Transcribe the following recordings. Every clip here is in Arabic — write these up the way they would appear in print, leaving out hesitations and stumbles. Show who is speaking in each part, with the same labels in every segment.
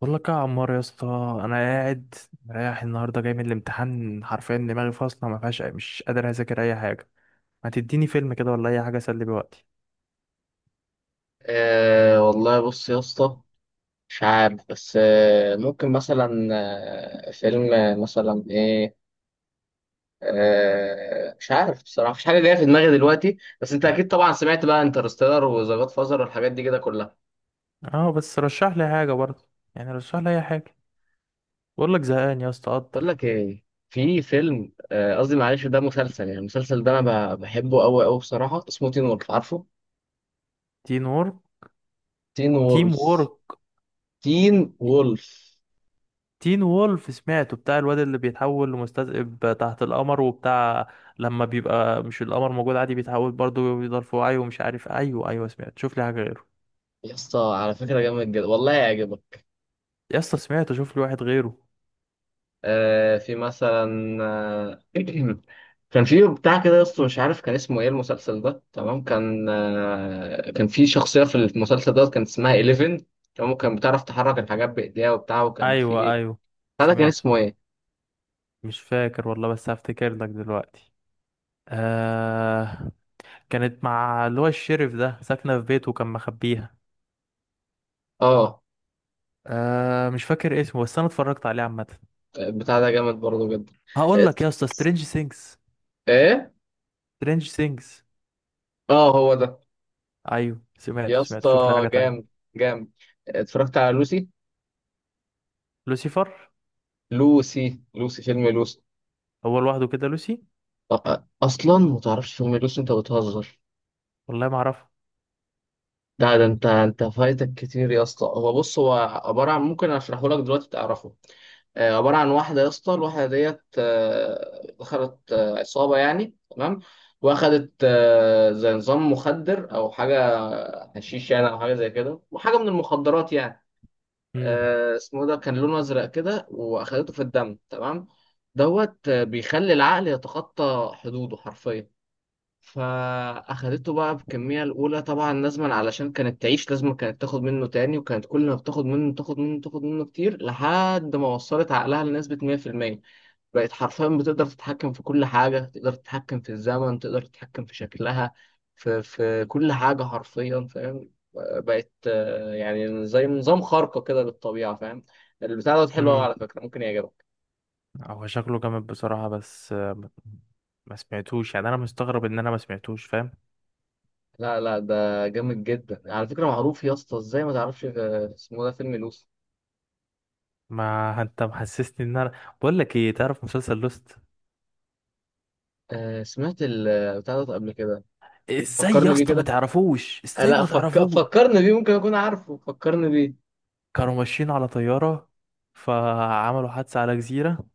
Speaker 1: بقول لك يا عمار يا اسطى، انا قاعد رايح النهارده جاي من الامتحان، حرفيا دماغي فاصله ما فيهاش، مش قادر اذاكر اي حاجه. ما تديني فيلم كده ولا اي حاجه اسلي بيه وقتي؟
Speaker 2: والله بص يا اسطى. مش عارف، بس ممكن مثلا فيلم مثلا ايه. مش عارف بصراحة، مفيش حاجة جاية في دماغي دلوقتي، بس انت اكيد طبعا سمعت بقى انترستيلر وذا جاد فازر والحاجات دي كده كلها.
Speaker 1: اه بس رشح لي حاجه برضه، يعني رشح لي اي حاجه. بقول لك زهقان يا اسطى
Speaker 2: بقول
Speaker 1: قدر.
Speaker 2: لك ايه، في فيلم قصدي معلش ده مسلسل. يعني المسلسل ده انا بحبه قوي قوي بصراحة، اسمه تين وولف، عارفه؟
Speaker 1: تين وورك،
Speaker 2: تين
Speaker 1: تيم
Speaker 2: وولف.
Speaker 1: وورك،
Speaker 2: تين وولف
Speaker 1: تين وولف سمعته، بتاع الواد اللي بيتحول لمستذئب تحت القمر وبتاع، لما بيبقى مش القمر موجود عادي بيتحول برضه، بيفضل في وعيه ومش عارف. ايوه ايوه سمعت، شوف لي حاجه غيره.
Speaker 2: يا اسطى، على فكرة جامد جدا والله هيعجبك.
Speaker 1: يا اسطى سمعته، شوف لي واحد غيره.
Speaker 2: في مثلا كان في بتاع كده يا اسطى، مش عارف كان اسمه ايه المسلسل ده، تمام؟ كان في شخصية في المسلسل ده كان اسمها 11، تمام؟ كان بتعرف تحرك الحاجات بإيديها وبتاع، وكان
Speaker 1: ايوه
Speaker 2: في
Speaker 1: ايوه
Speaker 2: بتاع ده كان
Speaker 1: سمعت.
Speaker 2: اسمه ايه؟
Speaker 1: مش فاكر والله بس هفتكر لك دلوقتي. آه، كانت مع اللي هو الشرف ده ساكنه في بيته وكان مخبيها.
Speaker 2: اه
Speaker 1: آه مش فاكر اسمه بس انا اتفرجت عليه عامه.
Speaker 2: بتاع ده جامد برضه جدا.
Speaker 1: هقول
Speaker 2: ات-
Speaker 1: لك يا اسطى، سترينج سينجز.
Speaker 2: ايه؟
Speaker 1: سترينج سينجز.
Speaker 2: اه هو ده.
Speaker 1: ايوه سمعته
Speaker 2: يا
Speaker 1: سمعته،
Speaker 2: اسطى
Speaker 1: شوف لي حاجه تانية.
Speaker 2: جامد، جامد. اتفرجت على لوسي.
Speaker 1: لوسيفر.
Speaker 2: لوسي فيلم لوسي.
Speaker 1: هو لوحده كده لوسي؟
Speaker 2: اصلا ما تعرفش فيلم لوسي؟ انت بتهزر.
Speaker 1: والله ما اعرفه.
Speaker 2: ده انت فايتك كتير يا اسطى. هو بص، هو عباره عن، ممكن اشرحه لك دلوقتي تعرفه. عباره عن واحده يا اسطى، الواحده ديت دخلت عصابه يعني، تمام؟ واخدت زي نظام مخدر او حاجه، حشيش يعني او حاجه زي كده، وحاجه من المخدرات يعني.
Speaker 1: امم.
Speaker 2: اسمه ده كان لونه ازرق كده، واخدته في الدم تمام. دوت بيخلي العقل يتخطى حدوده حرفيا. فاخدته بقى بكمية الاولى طبعا لازما، علشان كانت تعيش لازما كانت تاخد منه تاني، وكانت كل ما بتاخد منه تاخد منه تاخد منه كتير لحد ما وصلت عقلها لنسبة 100%. بقت حرفيا بتقدر تتحكم في كل حاجة، تقدر تتحكم في الزمن، تقدر تتحكم في شكلها، في كل حاجة حرفيا، فاهم؟ بقت يعني زي نظام خارقة كده للطبيعة، فاهم؟ البتاع دوت حلو قوي
Speaker 1: امم.
Speaker 2: على فكرة، ممكن يعجبك.
Speaker 1: هو شكله جامد بصراحه بس ما ما سمعتوش. يعني انا مستغرب ان انا ما سمعتوش، فاهم.
Speaker 2: لا ده جامد جدا على فكرة، معروف يا اسطى. ازاي ما تعرفش اسمه ده فيلم لوسي.
Speaker 1: ما انت محسسني ان انا. بقول لك ايه، تعرف مسلسل لوست؟
Speaker 2: آه سمعت البتاع ده قبل كده.
Speaker 1: ازاي يا
Speaker 2: فكرني بيه
Speaker 1: اسطى ما
Speaker 2: كده.
Speaker 1: تعرفوش،
Speaker 2: آه
Speaker 1: ازاي
Speaker 2: لا
Speaker 1: ما تعرفوش.
Speaker 2: فكرني بيه، ممكن اكون عارفه، فكرني بيه.
Speaker 1: كانوا ماشيين على طيارة، فعملوا حادثة على جزيرة.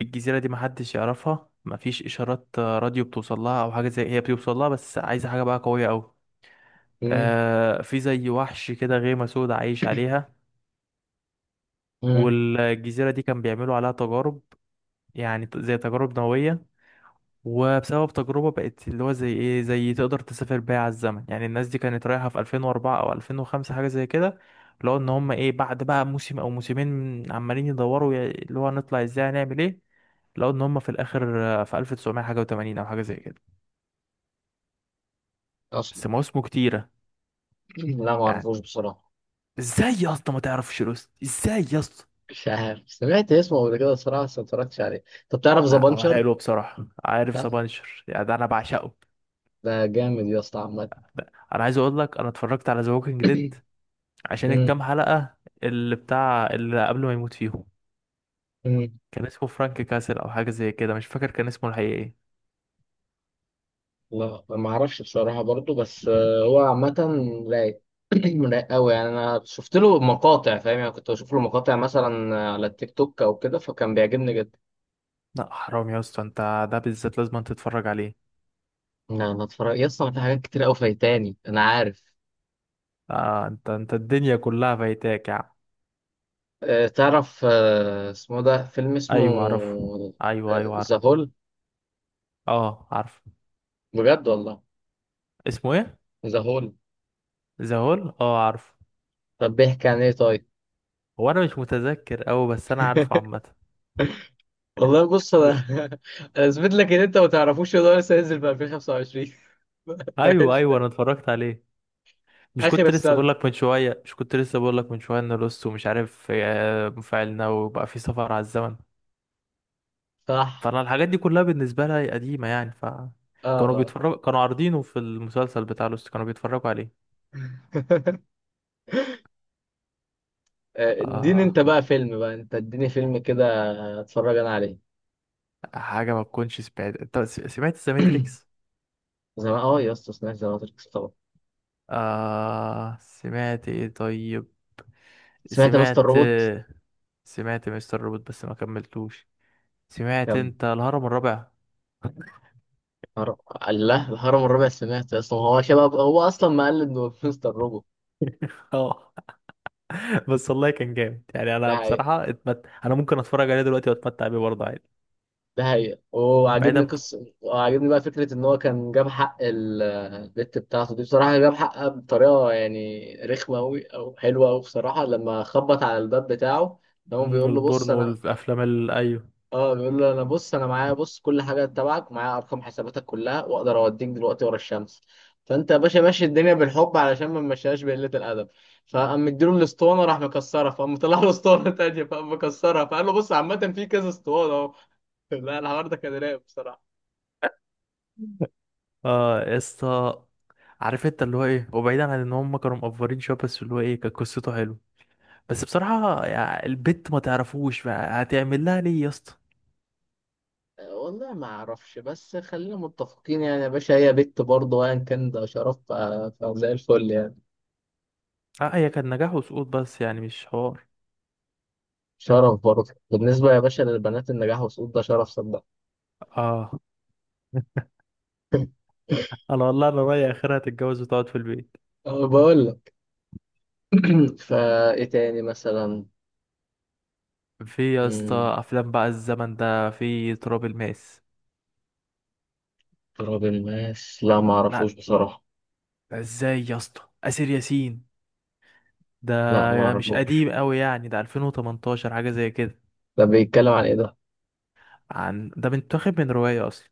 Speaker 1: الجزيرة دي محدش يعرفها، مفيش إشارات راديو بتوصل لها أو حاجة، زي هي بتوصل لها بس عايزة حاجة بقى قوية أوي.
Speaker 2: مم.
Speaker 1: آه في زي وحش كده، غيمة سودا عايش عليها.
Speaker 2: مم.
Speaker 1: والجزيرة دي كان بيعملوا عليها تجارب، يعني زي تجارب نووية. وبسبب تجربة بقت اللي هو زي ايه، زي تقدر تسافر بيها على الزمن. يعني الناس دي كانت رايحة في 2004 او 2005 حاجة زي كده، اللي هو ان هم ايه بعد بقى موسم او موسمين عمالين يدوروا يا- اللي هو هنطلع ازاي، هنعمل ايه. لو ان هم في الاخر في 1900 حاجة و80 او حاجة زي كده،
Speaker 2: اصلا.
Speaker 1: بس مواسمه كتيرة
Speaker 2: لا ما
Speaker 1: يعني.
Speaker 2: اعرفوش بصراحه.
Speaker 1: ازاي يا اسطى ما تعرفش لوست؟ ازاي يا اسطى؟
Speaker 2: مش عارف، سمعت اسمه قبل كده بصراحه بس ما اتفرجتش عليه. طب تعرف ذا
Speaker 1: لا هو
Speaker 2: بانشر؟
Speaker 1: حلو بصراحة، عارف
Speaker 2: لا
Speaker 1: سبانشر؟ يعني ده انا بعشقه.
Speaker 2: ده جامد يا اسطى عامه.
Speaker 1: انا عايز اقول لك انا اتفرجت على ذا ووكينج ديد عشان
Speaker 2: مم.
Speaker 1: الكام حلقة اللي بتاع اللي قبل ما يموت فيهم،
Speaker 2: مم.
Speaker 1: كان اسمه فرانك كاسل او حاجة زي كده، مش فاكر كان اسمه الحقيقي ايه.
Speaker 2: لا ما اعرفش بصراحه برضو، بس هو عامه رايق. رايق قوي يعني، انا شفت له مقاطع فاهم؟ يعني كنت بشوف له مقاطع مثلا على التيك توك او كده، فكان بيعجبني جدا.
Speaker 1: لا حرام يا اسطى، انت ده بالذات لازم أن تتفرج عليه.
Speaker 2: لا انا اتفرج يا اسطى، أنا في حاجات كتير قوي فايتاني انا عارف.
Speaker 1: آه انت انت الدنيا كلها فايتاك يا عم.
Speaker 2: تعرف اسمه ده فيلم اسمه
Speaker 1: ايوه عارفه. ايوه ايوه عارف.
Speaker 2: ذا هول.
Speaker 1: اه عارف.
Speaker 2: بجد والله،
Speaker 1: اسمه ايه؟
Speaker 2: ذا هول.
Speaker 1: ذا هول. اه عارف.
Speaker 2: طب بيحكي عن ايه طيب؟
Speaker 1: هو انا مش متذكر اوي بس انا عارفه عامة.
Speaker 2: والله بص انا انا اثبت لك ان انت ما تعرفوش ان هو لسه هينزل في 2025.
Speaker 1: ايوه
Speaker 2: فايش.
Speaker 1: ايوه انا اتفرجت عليه. مش
Speaker 2: اخر
Speaker 1: كنت لسه
Speaker 2: السنه،
Speaker 1: بقول لك من شويه، مش كنت لسه بقول لك من شويه ان لوست ومش عارف مفاعلنا وبقى في سفر على الزمن.
Speaker 2: صح.
Speaker 1: فانا الحاجات دي كلها بالنسبه لها هي قديمه يعني، ف
Speaker 2: اه
Speaker 1: كانوا
Speaker 2: اه.
Speaker 1: بيتفرجوا كانوا عارضينه في المسلسل بتاع لوست، كانوا بيتفرجوا عليه.
Speaker 2: اديني
Speaker 1: آه...
Speaker 2: انت بقى فيلم بقى، انت اديني فيلم كده اتفرج انا عليه.
Speaker 1: حاجه ما تكونش سمعت انت، سمعت ذا ماتريكس؟
Speaker 2: زمان اه يا اسطى سمعت ذا ماتريكس طبعا.
Speaker 1: آه... سمعت ايه طيب؟
Speaker 2: سمعت مستر
Speaker 1: سمعت.
Speaker 2: روبوت.
Speaker 1: سمعت مستر روبوت بس ما كملتوش. سمعت
Speaker 2: كم
Speaker 1: انت الهرم الرابع؟
Speaker 2: هرم؟ الله، الهرم الرابع سمعت، اصلا هو شباب، هو اصلا مقلد من مستر روبوت.
Speaker 1: اه. بس والله كان جامد يعني،
Speaker 2: ده
Speaker 1: انا
Speaker 2: حقيقة.
Speaker 1: بصراحه اتمت... انا ممكن اتفرج عليه دلوقتي واتمتع بيه برضه عادي.
Speaker 2: ده حقيقة، وعاجبني
Speaker 1: بعيدا
Speaker 2: قصة، وعاجبني بقى فكرة ان هو كان جاب حق البت بتاعته دي بصراحة، جاب حقها بطريقة يعني رخمة أوي او حلوة أوي بصراحة، لما خبط على الباب بتاعه هو
Speaker 1: عن
Speaker 2: بيقول له بص
Speaker 1: البورن
Speaker 2: انا،
Speaker 1: والافلام ال... ايوه.
Speaker 2: اه بيقول له انا بص، انا معايا بص كل حاجه تبعك، ومعايا ارقام حساباتك كلها، واقدر اوديك دلوقتي ورا الشمس. فانت يا باشا ماشي الدنيا بالحب علشان ما نمشيهاش بقله الادب. فقام مديله الاسطوانه راح مكسرها، فقام طلع له اسطوانه تانيه فقام مكسرها، فقال له بص عامه في كذا اسطوانه اهو. لا الحوار ده كان رايق بصراحه.
Speaker 1: اه يا اسطى، عارف انت اللي هو ايه، وبعيدا عن ان هم كانوا مقفرين شويه، بس اللي هو ايه كانت قصته حلوه. بس بصراحه يعني البت ما تعرفوش بقى هتعمل لها ليه يا اسطى.
Speaker 2: والله ما اعرفش، بس خلينا متفقين يعني يا باشا، هي بت برضه ايا كان ده شرف، فزي الفل يعني.
Speaker 1: اه هي كان نجاح وسقوط بس، يعني مش حوار.
Speaker 2: شرف برضه بالنسبه يا باشا للبنات، النجاح والسقوط ده شرف صدق.
Speaker 1: اه. انا والله انا رايي اخرها تتجوز وتقعد في البيت.
Speaker 2: بقول لك، فايه تاني مثلا؟
Speaker 1: في يا اسطى
Speaker 2: مم،
Speaker 1: افلام بقى الزمن ده، في تراب الماس.
Speaker 2: تراب الماس لا ما اعرفوش
Speaker 1: لا،
Speaker 2: بصراحة.
Speaker 1: ده ازاي يا اسطى، اسر ياسين.
Speaker 2: لا ما
Speaker 1: ده مش قديم
Speaker 2: اعرفوش.
Speaker 1: قوي يعني، ده 2018 حاجه زي كده.
Speaker 2: ده بيتكلم عن ايه ده؟
Speaker 1: عن ده متاخد من روايه اصلا،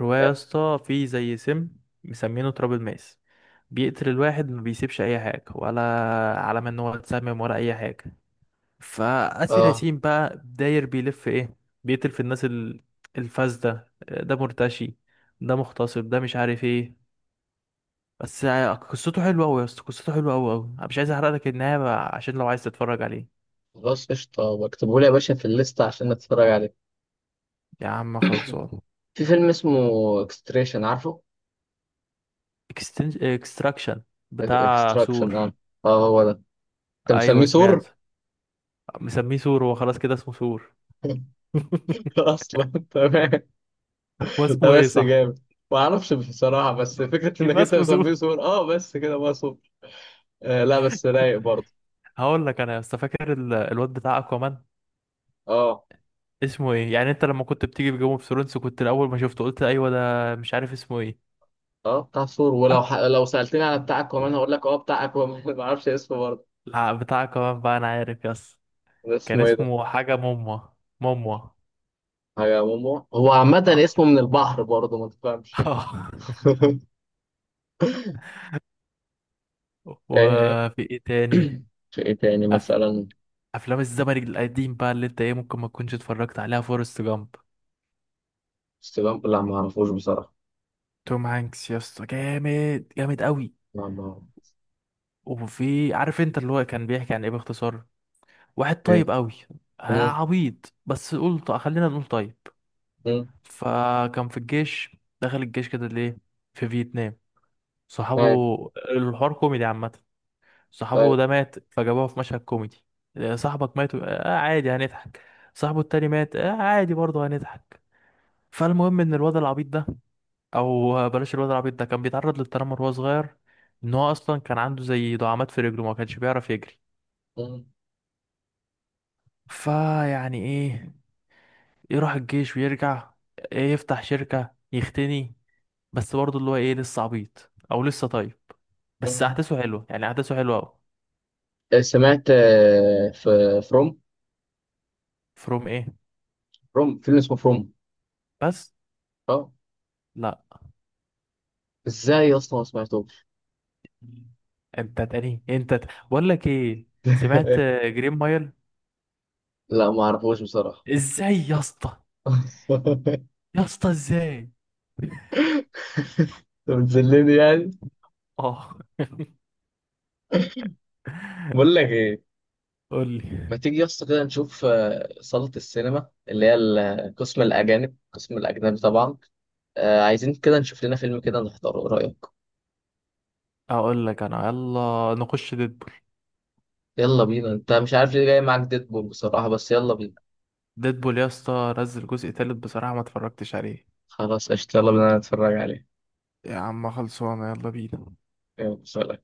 Speaker 1: رواية يا
Speaker 2: إيه؟
Speaker 1: اسطى. في زي سم مسمينه تراب الماس، بيقتل الواحد ما بيسيبش اي حاجة ولا علامة ان هو اتسمم ولا اي حاجة. فاسر
Speaker 2: اه
Speaker 1: ياسين بقى داير بيلف ايه، بيقتل في الناس ال- الفاسدة، ده مرتشي، ده مغتصب، ده مش عارف ايه. بس قصته حلوة اوي يا اسطى، قصته حلوة اوي اوي. انا مش عايز احرق لك النهاية بقى، عشان لو عايز تتفرج عليه.
Speaker 2: خلاص قشطة، بكتبه لي يا باشا في الليستة عشان اتفرج عليه.
Speaker 1: يا عم خلصان.
Speaker 2: في فيلم اسمه اكستريشن، عارفه؟
Speaker 1: اكستراكشن، بتاع
Speaker 2: اكستراكشن،
Speaker 1: سور.
Speaker 2: اه اه هو ده. انت
Speaker 1: ايوه
Speaker 2: مسميه
Speaker 1: سمعت.
Speaker 2: سور.
Speaker 1: مسميه سور؟ هو خلاص كده اسمه سور.
Speaker 2: اصلا تمام.
Speaker 1: هو
Speaker 2: ده
Speaker 1: اسمه ايه
Speaker 2: بس
Speaker 1: صح؟
Speaker 2: جامد، ما اعرفش بصراحة، بس فكرة انك
Speaker 1: يبقى
Speaker 2: انت
Speaker 1: اسمه
Speaker 2: مسميه
Speaker 1: زود.
Speaker 2: سور اه، بس كده بقى سور. آه لا بس رايق برضه.
Speaker 1: هقول لك انا يا اسطى، فاكر ال- الواد بتاع اكوامان؟
Speaker 2: اه
Speaker 1: اسمه ايه يعني؟ انت لما كنت بتيجي في جيم اوف ثرونز، كنت الاول ما شفته قلت ايوه ده مش عارف اسمه ايه.
Speaker 2: اه بتاع ثور، ولو
Speaker 1: أكو،
Speaker 2: لو سألتني على بتاع اكوامان هقول لك اه بتاع اكوامان. ما اعرفش اسمه برضه.
Speaker 1: لا بتاع اكوامان بقى انا عارف يا اسطى.
Speaker 2: ده
Speaker 1: كان
Speaker 2: اسمه ايه ده؟
Speaker 1: اسمه حاجه موموا، موموا.
Speaker 2: حاجة مومو، هو عامة
Speaker 1: اه.
Speaker 2: اسمه من البحر برضه ما تفهمش.
Speaker 1: آه.
Speaker 2: آه،
Speaker 1: وفي ايه تاني؟
Speaker 2: في ايه تاني
Speaker 1: أف...
Speaker 2: مثلا؟
Speaker 1: افلام الزمن القديم بقى اللي انت ايه ممكن ما تكونش اتفرجت عليها، فورست جامب.
Speaker 2: استلام، لا ما اعرفوش بصراحة.
Speaker 1: توم هانكس يا اسطى، جامد جامد قوي.
Speaker 2: لا ما أعرف.
Speaker 1: وفي عارف انت اللي هو كان بيحكي عن ايه باختصار، واحد
Speaker 2: ايه.
Speaker 1: طيب قوي.
Speaker 2: مم،
Speaker 1: عبيط بس قول خلينا نقول طيب.
Speaker 2: مم،
Speaker 1: فكان في الجيش، دخل الجيش كده ليه؟ في فيتنام. صحابه،
Speaker 2: طيب،
Speaker 1: الحوار كوميدي عامة. صاحبه
Speaker 2: طيب.
Speaker 1: ده مات، فجابوه في مشهد كوميدي. صاحبك مات آه عادي هنضحك. صاحبه التاني مات آه عادي برضه هنضحك. فالمهم ان الواد العبيط ده، او بلاش الواد العبيط ده، كان بيتعرض للتنمر وهو صغير. ان هو اصلا كان عنده زي دعامات في رجله، ما كانش بيعرف يجري.
Speaker 2: مم،
Speaker 1: فيعني ايه، يروح الجيش ويرجع إيه، يفتح شركة يختني. بس برضه اللي هو ايه لسه عبيط او لسه طيب، بس
Speaker 2: مم.
Speaker 1: احداثه حلوة يعني، احداثه حلوة اوي.
Speaker 2: سمعت في فروم.
Speaker 1: فروم ايه
Speaker 2: فروم فيلم اسمه فروم.
Speaker 1: بس؟
Speaker 2: اه.
Speaker 1: لا
Speaker 2: ازاي يا اسطى ما سمعتوش؟
Speaker 1: انت تاني، انت ت... بقول لك ايه، سمعت جرين مايل؟
Speaker 2: لا ما اعرفوش بصراحة.
Speaker 1: ازاي يا اسطى؟ يا اسطى ازاي؟
Speaker 2: انت بتذلني يعني؟
Speaker 1: اه
Speaker 2: بقول لك ايه،
Speaker 1: قول لي.
Speaker 2: ما تيجي يا اسطى كده نشوف صالة السينما اللي هي قسم الأجانب، قسم الأجنبي طبعا. عايزين كده نشوف لنا فيلم كده نحضره، إيه رأيك؟
Speaker 1: اقول لك انا، يلا نخش ديدبول.
Speaker 2: يلا بينا. أنت مش عارف ليه جاي معاك ديدبول بصراحة، بس يلا بينا.
Speaker 1: ديدبول يا اسطى نزل جزء تالت بصراحة ما اتفرجتش عليه.
Speaker 2: خلاص قشطة يلا بينا نتفرج عليه.
Speaker 1: يا عم خلصانه يلا بينا.
Speaker 2: يلا سلام.